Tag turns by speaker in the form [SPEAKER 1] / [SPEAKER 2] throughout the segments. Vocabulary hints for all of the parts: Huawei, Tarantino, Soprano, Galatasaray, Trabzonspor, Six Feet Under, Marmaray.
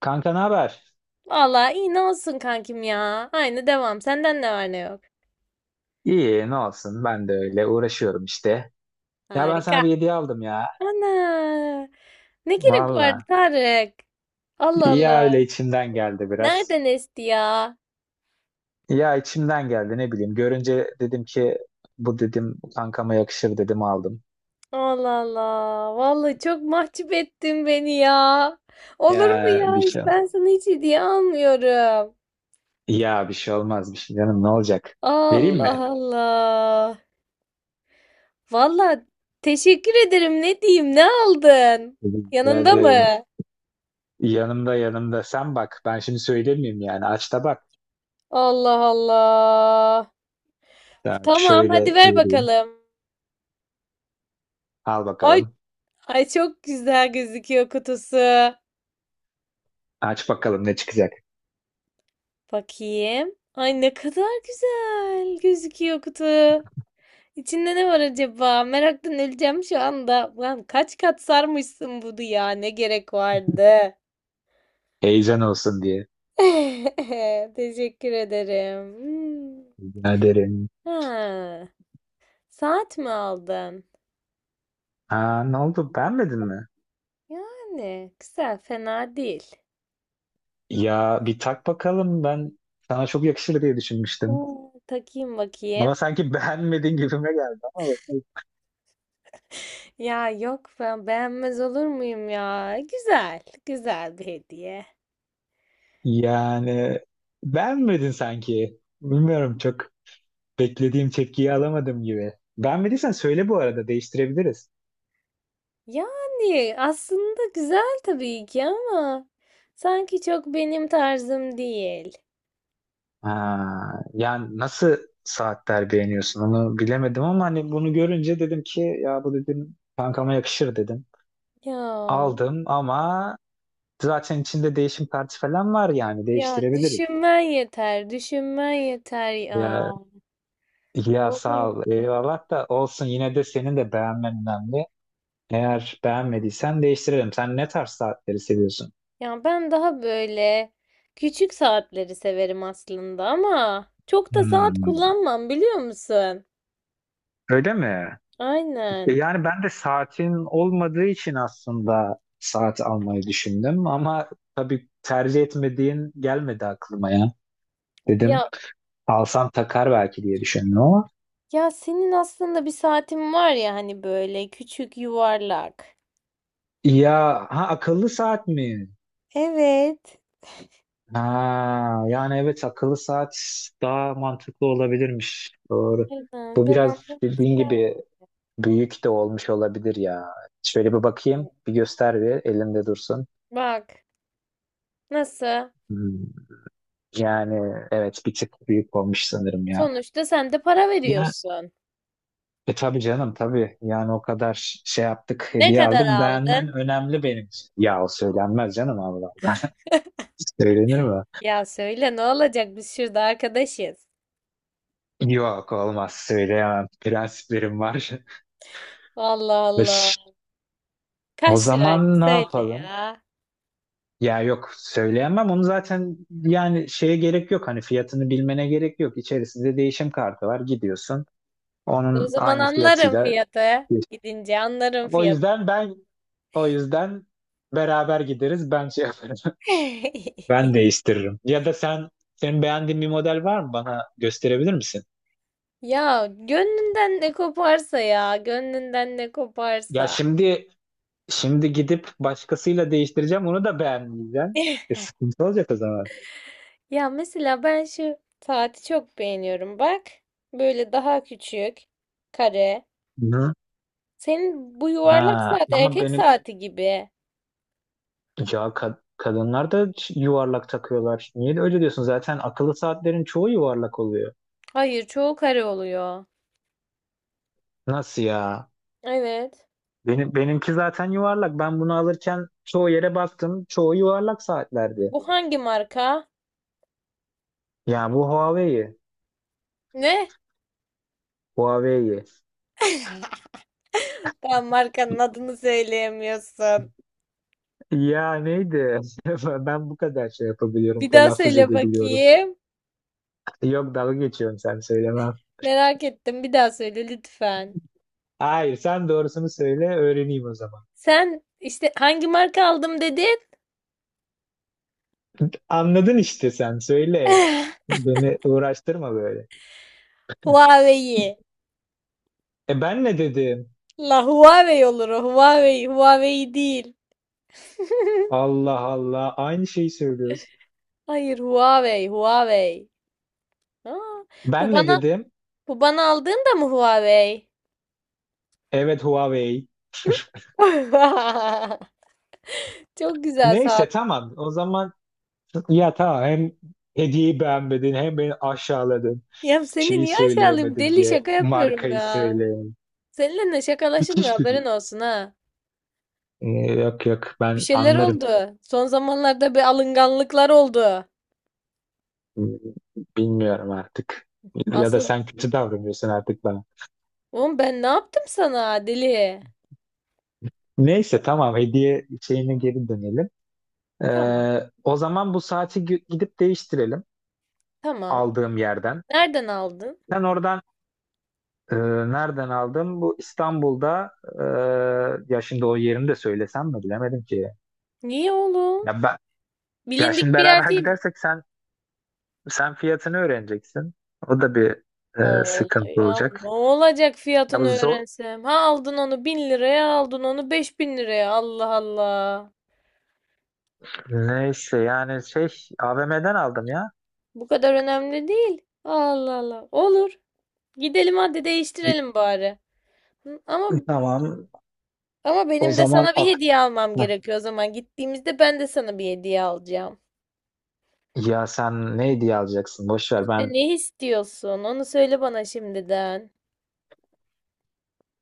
[SPEAKER 1] Kanka ne haber?
[SPEAKER 2] Vallahi iyi ne olsun kankim ya. Aynı devam. Senden ne var ne yok.
[SPEAKER 1] İyi ne olsun, ben de öyle uğraşıyorum işte. Ya ben sana
[SPEAKER 2] Harika.
[SPEAKER 1] bir hediye aldım ya.
[SPEAKER 2] Ana. Ne gerek vardı
[SPEAKER 1] Valla.
[SPEAKER 2] Tarık? Allah
[SPEAKER 1] Ya
[SPEAKER 2] Allah.
[SPEAKER 1] öyle içimden geldi biraz.
[SPEAKER 2] Nereden esti ya?
[SPEAKER 1] Ya içimden geldi, ne bileyim. Görünce dedim ki bu dedim kankama yakışır dedim aldım.
[SPEAKER 2] Allah Allah. Vallahi çok mahcup ettin beni ya. Olur mu
[SPEAKER 1] Ya
[SPEAKER 2] ya?
[SPEAKER 1] bir
[SPEAKER 2] Hiç
[SPEAKER 1] şey.
[SPEAKER 2] ben sana hiç hediye almıyorum.
[SPEAKER 1] Ya bir şey olmaz, bir şey canım, ne olacak? Vereyim
[SPEAKER 2] Allah
[SPEAKER 1] mi?
[SPEAKER 2] Allah. Vallahi teşekkür ederim. Ne diyeyim? Ne aldın?
[SPEAKER 1] Dedim, ya
[SPEAKER 2] Yanında
[SPEAKER 1] dedim,
[SPEAKER 2] mı?
[SPEAKER 1] yanımda sen bak, ben şimdi söylemeyeyim yani, aç da bak.
[SPEAKER 2] Allah Allah.
[SPEAKER 1] Ya
[SPEAKER 2] Tamam,
[SPEAKER 1] şöyle
[SPEAKER 2] hadi ver
[SPEAKER 1] vereyim.
[SPEAKER 2] bakalım.
[SPEAKER 1] Al
[SPEAKER 2] Ay,
[SPEAKER 1] bakalım.
[SPEAKER 2] ay çok güzel gözüküyor kutusu.
[SPEAKER 1] Aç bakalım ne çıkacak.
[SPEAKER 2] Bakayım. Ay ne kadar güzel gözüküyor kutu. İçinde ne var acaba? Meraktan öleceğim şu anda. Lan kaç kat sarmışsın bunu ya? Ne gerek vardı?
[SPEAKER 1] Heyecan olsun diye.
[SPEAKER 2] Teşekkür ederim. Hmm.
[SPEAKER 1] Rica ederim.
[SPEAKER 2] Ha, saat mi aldın?
[SPEAKER 1] Aa, ne oldu? Beğenmedin mi?
[SPEAKER 2] Yani güzel, fena değil.
[SPEAKER 1] Ya bir tak bakalım, ben sana çok yakışır diye düşünmüştüm.
[SPEAKER 2] Hmm, takayım
[SPEAKER 1] Ama
[SPEAKER 2] bakayım.
[SPEAKER 1] sanki beğenmedin gibime geldi, ama bakalım.
[SPEAKER 2] Ya yok ben beğenmez olur muyum ya? Güzel, güzel bir hediye.
[SPEAKER 1] Yani beğenmedin sanki. Bilmiyorum, çok beklediğim tepkiyi alamadım gibi. Beğenmediysen söyle, bu arada değiştirebiliriz.
[SPEAKER 2] Yani aslında güzel tabii ki ama sanki çok benim tarzım değil.
[SPEAKER 1] Aa, yani nasıl saatler beğeniyorsun onu bilemedim, ama hani bunu görünce dedim ki ya bu dedim kankama yakışır dedim.
[SPEAKER 2] Ya,
[SPEAKER 1] Aldım ama zaten içinde değişim partisi falan var, yani
[SPEAKER 2] ya,
[SPEAKER 1] değiştirebiliriz.
[SPEAKER 2] düşünmen yeter, düşünmen yeter ya.
[SPEAKER 1] Ya, ya sağ
[SPEAKER 2] Olur.
[SPEAKER 1] ol. Eyvallah, da olsun, yine de senin de beğenmen önemli. Eğer beğenmediysen değiştirelim. Sen ne tarz saatleri seviyorsun?
[SPEAKER 2] Ya ben daha böyle küçük saatleri severim aslında ama çok da saat
[SPEAKER 1] Hmm,
[SPEAKER 2] kullanmam biliyor musun?
[SPEAKER 1] öyle mi? İşte
[SPEAKER 2] Aynen.
[SPEAKER 1] yani ben de saatin olmadığı için aslında saat almayı düşündüm, ama tabii tercih etmediğin gelmedi aklıma ya. Dedim
[SPEAKER 2] Ya.
[SPEAKER 1] alsam takar belki diye düşündüm ama.
[SPEAKER 2] Ya senin aslında bir saatin var ya hani böyle küçük yuvarlak.
[SPEAKER 1] Ya ha, akıllı saat mi?
[SPEAKER 2] Evet.
[SPEAKER 1] Ha, yani evet, akıllı saat daha mantıklı olabilirmiş. Doğru.
[SPEAKER 2] Aynen,
[SPEAKER 1] Bu
[SPEAKER 2] ben
[SPEAKER 1] biraz
[SPEAKER 2] almak
[SPEAKER 1] dediğin
[SPEAKER 2] isterdim.
[SPEAKER 1] gibi büyük de olmuş olabilir ya. Şöyle bir bakayım, bir göster, bir elimde dursun.
[SPEAKER 2] Bak nasıl?
[SPEAKER 1] Hmm. Yani evet, bir tık büyük olmuş sanırım ya.
[SPEAKER 2] Sonuçta sen de para
[SPEAKER 1] Ya
[SPEAKER 2] veriyorsun.
[SPEAKER 1] e tabii canım, tabii. Yani o kadar şey yaptık,
[SPEAKER 2] Ne
[SPEAKER 1] hediye
[SPEAKER 2] kadar
[SPEAKER 1] aldık. Beğenmen
[SPEAKER 2] aldın?
[SPEAKER 1] önemli benim için. Ya o söylenmez canım, Allah. Söylenir mi?
[SPEAKER 2] Ya söyle ne olacak biz şurada arkadaşız.
[SPEAKER 1] Yok, olmaz, söyleyemem. Prensiplerim var.
[SPEAKER 2] Allah Allah.
[SPEAKER 1] O
[SPEAKER 2] Kaç liraydı
[SPEAKER 1] zaman ne
[SPEAKER 2] söyle
[SPEAKER 1] yapalım?
[SPEAKER 2] ya.
[SPEAKER 1] Ya yok, söyleyemem onu. Zaten yani şeye gerek yok, hani fiyatını bilmene gerek yok. İçerisinde değişim kartı var, gidiyorsun
[SPEAKER 2] E, o
[SPEAKER 1] onun
[SPEAKER 2] zaman
[SPEAKER 1] aynı
[SPEAKER 2] anlarım
[SPEAKER 1] fiyatıyla.
[SPEAKER 2] fiyatı. Gidince anlarım
[SPEAKER 1] O
[SPEAKER 2] fiyatı.
[SPEAKER 1] yüzden ben, o yüzden beraber gideriz, ben şey yaparım. Ben değiştiririm. Ya da sen, beğendiğin bir model var mı, bana gösterebilir misin?
[SPEAKER 2] Ya gönlünden ne koparsa ya. Gönlünden ne
[SPEAKER 1] Ya
[SPEAKER 2] koparsa.
[SPEAKER 1] şimdi gidip başkasıyla değiştireceğim, onu da beğenmeyeceğim. E, sıkıntı olacak o zaman.
[SPEAKER 2] Ya mesela ben şu saati çok beğeniyorum. Bak böyle daha küçük kare.
[SPEAKER 1] Hı.
[SPEAKER 2] Senin bu
[SPEAKER 1] Ha,
[SPEAKER 2] yuvarlak saat
[SPEAKER 1] ama
[SPEAKER 2] erkek
[SPEAKER 1] benim,
[SPEAKER 2] saati gibi.
[SPEAKER 1] ya kadınlar da yuvarlak takıyorlar. Niye de öyle diyorsun? Zaten akıllı saatlerin çoğu yuvarlak oluyor.
[SPEAKER 2] Hayır çoğu kare oluyor.
[SPEAKER 1] Nasıl ya?
[SPEAKER 2] Evet.
[SPEAKER 1] Benim, zaten yuvarlak. Ben bunu alırken çoğu yere baktım. Çoğu yuvarlak saatlerdi.
[SPEAKER 2] Bu hangi marka?
[SPEAKER 1] Ya bu Huawei.
[SPEAKER 2] Ne?
[SPEAKER 1] Huawei.
[SPEAKER 2] Daha markanın adını söyleyemiyorsun.
[SPEAKER 1] Ya neydi? Ben bu kadar şey yapabiliyorum,
[SPEAKER 2] Bir daha
[SPEAKER 1] telaffuz
[SPEAKER 2] söyle
[SPEAKER 1] edebiliyorum.
[SPEAKER 2] bakayım.
[SPEAKER 1] Yok, dalga geçiyorum, sen söyleme.
[SPEAKER 2] Merak ettim. Bir daha söyle lütfen.
[SPEAKER 1] Hayır, sen doğrusunu söyle, öğreneyim o zaman.
[SPEAKER 2] Sen işte hangi marka aldım dedin?
[SPEAKER 1] Anladın işte, sen söyle. Beni uğraştırma böyle.
[SPEAKER 2] Huawei.
[SPEAKER 1] E ben ne dedim?
[SPEAKER 2] La Huawei olur o. Huawei. Huawei değil.
[SPEAKER 1] Allah Allah. Aynı şeyi söylüyoruz.
[SPEAKER 2] Hayır Huawei, Huawei. Aa, bu
[SPEAKER 1] Ben ne
[SPEAKER 2] bana
[SPEAKER 1] dedim?
[SPEAKER 2] bu bana aldığın da mı Huawei?
[SPEAKER 1] Evet, Huawei.
[SPEAKER 2] Çok güzel
[SPEAKER 1] Neyse,
[SPEAKER 2] saat.
[SPEAKER 1] tamam. O zaman ya tamam, hem hediyeyi beğenmedin hem beni aşağıladın.
[SPEAKER 2] Ya seni
[SPEAKER 1] Şeyi
[SPEAKER 2] niye aşağılayayım?
[SPEAKER 1] söyleyemedim
[SPEAKER 2] Deli
[SPEAKER 1] diye,
[SPEAKER 2] şaka yapıyorum
[SPEAKER 1] markayı
[SPEAKER 2] ya.
[SPEAKER 1] söyleyemedim.
[SPEAKER 2] Seninle şakalaşılmıyor
[SPEAKER 1] Bitiş gülü.
[SPEAKER 2] haberin olsun ha.
[SPEAKER 1] Ee, Yok yok,
[SPEAKER 2] Bir
[SPEAKER 1] ben
[SPEAKER 2] şeyler
[SPEAKER 1] anlarım.
[SPEAKER 2] oldu. Son zamanlarda bir alınganlıklar oldu.
[SPEAKER 1] Bilmiyorum artık. Ya da
[SPEAKER 2] Asıl.
[SPEAKER 1] sen kötü davranıyorsun artık bana.
[SPEAKER 2] Oğlum ben ne yaptım sana deli?
[SPEAKER 1] Neyse tamam, hediye şeyine geri dönelim.
[SPEAKER 2] Tamam.
[SPEAKER 1] O zaman bu saati gidip değiştirelim
[SPEAKER 2] Tamam.
[SPEAKER 1] aldığım yerden.
[SPEAKER 2] Nereden aldın?
[SPEAKER 1] Sen oradan, Ee, nereden aldım? Bu İstanbul'da, ya şimdi o yerini de söylesem mi bilemedim ki.
[SPEAKER 2] Niye oğlum?
[SPEAKER 1] Ya ben, ya şimdi
[SPEAKER 2] Bilindik bir yer
[SPEAKER 1] beraber
[SPEAKER 2] değil mi?
[SPEAKER 1] gidersek sen fiyatını öğreneceksin. O da bir
[SPEAKER 2] Oldu
[SPEAKER 1] sıkıntı
[SPEAKER 2] ya. Ne
[SPEAKER 1] olacak.
[SPEAKER 2] olacak
[SPEAKER 1] Ya bu
[SPEAKER 2] fiyatını
[SPEAKER 1] zor,
[SPEAKER 2] öğrensem? Ha aldın onu 1.000 liraya, aldın onu 5.000 liraya. Allah Allah.
[SPEAKER 1] neyse yani şey, AVM'den aldım ya.
[SPEAKER 2] Bu kadar önemli değil. Allah Allah. Olur. Gidelim hadi değiştirelim bari. Hı, Ama
[SPEAKER 1] Tamam.
[SPEAKER 2] ama
[SPEAKER 1] O
[SPEAKER 2] benim de
[SPEAKER 1] zaman
[SPEAKER 2] sana bir
[SPEAKER 1] ak,
[SPEAKER 2] hediye almam
[SPEAKER 1] heh.
[SPEAKER 2] gerekiyor o zaman. Gittiğimizde ben de sana bir hediye alacağım.
[SPEAKER 1] Ya sen ne hediye alacaksın? Boş ver
[SPEAKER 2] İşte
[SPEAKER 1] ben.
[SPEAKER 2] ne istiyorsun? Onu söyle bana şimdiden.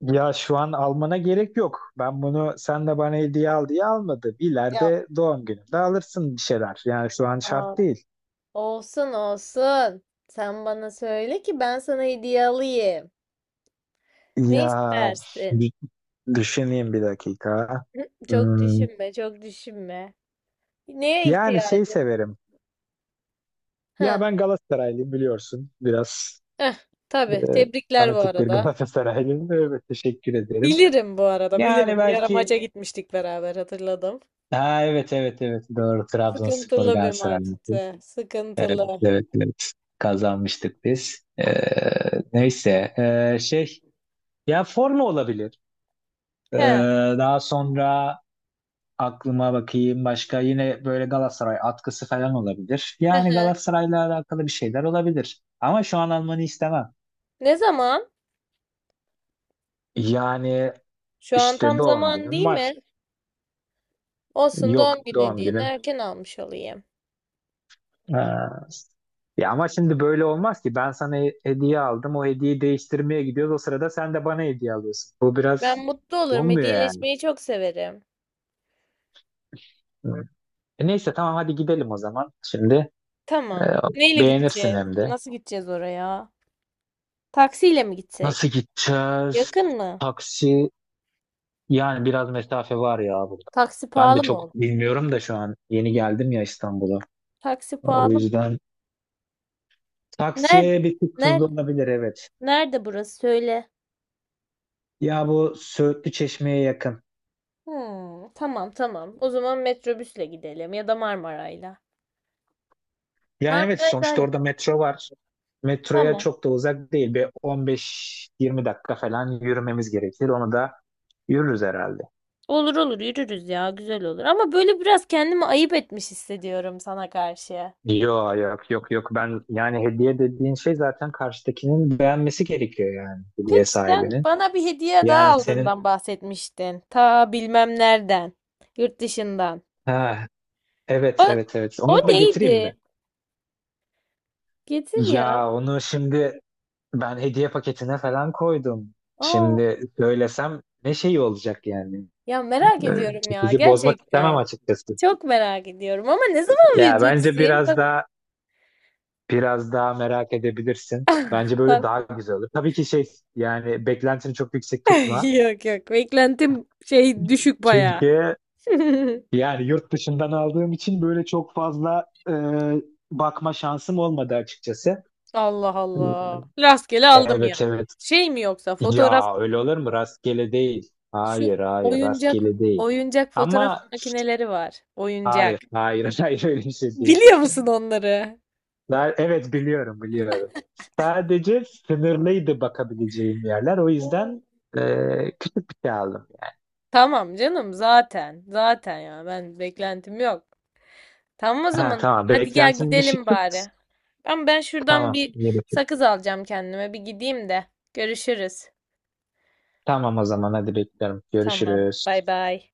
[SPEAKER 1] Ya şu an almana gerek yok. Ben bunu sen de bana hediye al diye almadım. İleride doğum gününde alırsın bir şeyler. Yani şu an
[SPEAKER 2] Yapma.
[SPEAKER 1] şart değil.
[SPEAKER 2] Olsun olsun. Sen bana söyle ki ben sana hediye alayım. Ne
[SPEAKER 1] Ya
[SPEAKER 2] istersin?
[SPEAKER 1] dü- düşüneyim bir dakika.
[SPEAKER 2] Hı, çok
[SPEAKER 1] Hmm,
[SPEAKER 2] düşünme, çok düşünme. Neye
[SPEAKER 1] yani şey
[SPEAKER 2] ihtiyacın?
[SPEAKER 1] severim. Ya
[SPEAKER 2] Hı.
[SPEAKER 1] ben Galatasaraylıyım, biliyorsun. Biraz
[SPEAKER 2] Eh,
[SPEAKER 1] e,
[SPEAKER 2] tabii. Tebrikler bu
[SPEAKER 1] fanatik bir
[SPEAKER 2] arada.
[SPEAKER 1] Galatasaraylıyım. Evet, teşekkür ederim.
[SPEAKER 2] Bilirim bu arada,
[SPEAKER 1] Yani
[SPEAKER 2] bilirim. Bir ara
[SPEAKER 1] belki,
[SPEAKER 2] maça gitmiştik beraber, hatırladım.
[SPEAKER 1] ha evet evet evet doğru, Trabzonspor
[SPEAKER 2] Sıkıntılı bir
[SPEAKER 1] Galatasaray maçı.
[SPEAKER 2] maçtı.
[SPEAKER 1] Evet
[SPEAKER 2] Sıkıntılı.
[SPEAKER 1] evet evet, kazanmıştık biz. Neyse, şey, ya forma olabilir. Ee,
[SPEAKER 2] He.
[SPEAKER 1] Daha sonra aklıma bakayım, başka yine böyle Galatasaray atkısı falan olabilir.
[SPEAKER 2] Hı
[SPEAKER 1] Yani
[SPEAKER 2] hı.
[SPEAKER 1] Galatasaray'la alakalı bir şeyler olabilir. Ama şu an almanı istemem.
[SPEAKER 2] Ne zaman?
[SPEAKER 1] Yani
[SPEAKER 2] Şu an
[SPEAKER 1] işte,
[SPEAKER 2] tam
[SPEAKER 1] doğum
[SPEAKER 2] zaman
[SPEAKER 1] günüm
[SPEAKER 2] değil
[SPEAKER 1] var.
[SPEAKER 2] mi? Olsun
[SPEAKER 1] Yok,
[SPEAKER 2] doğum günü
[SPEAKER 1] doğum
[SPEAKER 2] hediyeni
[SPEAKER 1] günüm.
[SPEAKER 2] erken almış olayım.
[SPEAKER 1] Ee, Ya ama şimdi böyle olmaz ki. Ben sana hediye aldım. O hediyeyi değiştirmeye gidiyoruz. O sırada sen de bana hediye alıyorsun. Bu biraz
[SPEAKER 2] Ben mutlu olurum.
[SPEAKER 1] olmuyor yani.
[SPEAKER 2] Hediyeleşmeyi çok severim.
[SPEAKER 1] Hı. E neyse tamam, hadi gidelim o zaman. Şimdi, Ee,
[SPEAKER 2] Tamam. Neyle
[SPEAKER 1] beğenirsin
[SPEAKER 2] gideceğiz?
[SPEAKER 1] hem de.
[SPEAKER 2] Nasıl gideceğiz oraya? Taksiyle mi
[SPEAKER 1] Nasıl
[SPEAKER 2] gitsek?
[SPEAKER 1] gideceğiz?
[SPEAKER 2] Yakın mı?
[SPEAKER 1] Taksi, yani biraz mesafe var ya burada.
[SPEAKER 2] Taksi
[SPEAKER 1] Ben de
[SPEAKER 2] pahalı mı
[SPEAKER 1] çok
[SPEAKER 2] olur?
[SPEAKER 1] bilmiyorum da, şu an yeni geldim ya İstanbul'a.
[SPEAKER 2] Taksi
[SPEAKER 1] O
[SPEAKER 2] pahalı mı?
[SPEAKER 1] yüzden
[SPEAKER 2] Nerede?
[SPEAKER 1] taksi bir tık
[SPEAKER 2] Nerede?
[SPEAKER 1] tuzlu olabilir, evet.
[SPEAKER 2] Nerede burası? Söyle.
[SPEAKER 1] Ya bu Söğütlü Çeşme'ye yakın.
[SPEAKER 2] Hmm, tamam tamam. O zaman metrobüsle gidelim ya da Marmaray'la.
[SPEAKER 1] Yani evet,
[SPEAKER 2] Marmaray daha
[SPEAKER 1] sonuçta orada
[SPEAKER 2] yakın.
[SPEAKER 1] metro var. Metroya
[SPEAKER 2] Tamam.
[SPEAKER 1] çok da uzak değil. Bir 15-20 dakika falan yürümemiz gerekir. Onu da yürürüz herhalde.
[SPEAKER 2] Olur olur yürürüz ya güzel olur. Ama böyle biraz kendimi ayıp etmiş hissediyorum sana karşı.
[SPEAKER 1] Yok yok yok yok, ben yani hediye dediğin şey zaten karşıdakinin beğenmesi gerekiyor, yani hediye
[SPEAKER 2] Peki sen
[SPEAKER 1] sahibinin.
[SPEAKER 2] bana bir hediye daha
[SPEAKER 1] Yani senin,
[SPEAKER 2] aldığından bahsetmiştin. Ta bilmem nereden. Yurt dışından.
[SPEAKER 1] ha, evet,
[SPEAKER 2] O,
[SPEAKER 1] evet, evet.
[SPEAKER 2] o
[SPEAKER 1] Onu da getireyim mi?
[SPEAKER 2] neydi? Getir ya.
[SPEAKER 1] Ya onu şimdi, ben hediye paketine falan koydum.
[SPEAKER 2] Aa.
[SPEAKER 1] Şimdi söylesem ne şey olacak yani?
[SPEAKER 2] Ya merak ediyorum ya
[SPEAKER 1] Bizi bozmak istemem
[SPEAKER 2] gerçekten.
[SPEAKER 1] açıkçası.
[SPEAKER 2] Çok merak ediyorum ama ne zaman
[SPEAKER 1] Ya bence
[SPEAKER 2] vereceksin?
[SPEAKER 1] biraz
[SPEAKER 2] Bak
[SPEAKER 1] daha, merak edebilirsin. Bence böyle
[SPEAKER 2] bak.
[SPEAKER 1] daha güzel olur. Tabii ki şey, yani beklentini çok yüksek tutma.
[SPEAKER 2] Yok yok beklentim şey düşük baya.
[SPEAKER 1] Çünkü yani yurt dışından aldığım için böyle çok fazla bakma şansım olmadı açıkçası.
[SPEAKER 2] Allah Allah. Rastgele aldım ya.
[SPEAKER 1] Evet evet.
[SPEAKER 2] Şey mi yoksa fotoğraf
[SPEAKER 1] Ya öyle olur mu? Rastgele değil.
[SPEAKER 2] şu
[SPEAKER 1] Hayır, hayır,
[SPEAKER 2] oyuncak
[SPEAKER 1] rastgele değil.
[SPEAKER 2] oyuncak fotoğraf
[SPEAKER 1] Ama
[SPEAKER 2] makineleri var. Oyuncak.
[SPEAKER 1] hayır, hayır, hayır, öyle bir şey değil.
[SPEAKER 2] Biliyor musun onları?
[SPEAKER 1] Ben, evet biliyorum, biliyorum. Sadece sınırlıydı bakabileceğim yerler. O
[SPEAKER 2] Oo.
[SPEAKER 1] yüzden küçük bir şey aldım.
[SPEAKER 2] Tamam canım zaten. Zaten ya ben beklentim yok. Tamam o
[SPEAKER 1] Ha,
[SPEAKER 2] zaman.
[SPEAKER 1] tamam,
[SPEAKER 2] Hadi gel
[SPEAKER 1] beklentim dışı
[SPEAKER 2] gidelim
[SPEAKER 1] tut.
[SPEAKER 2] bari. Ben şuradan
[SPEAKER 1] Tamam,
[SPEAKER 2] bir
[SPEAKER 1] iyi bakın.
[SPEAKER 2] sakız alacağım kendime. Bir gideyim de. Görüşürüz.
[SPEAKER 1] Tamam o zaman, hadi bekliyorum.
[SPEAKER 2] Tamam.
[SPEAKER 1] Görüşürüz.
[SPEAKER 2] Bay bay.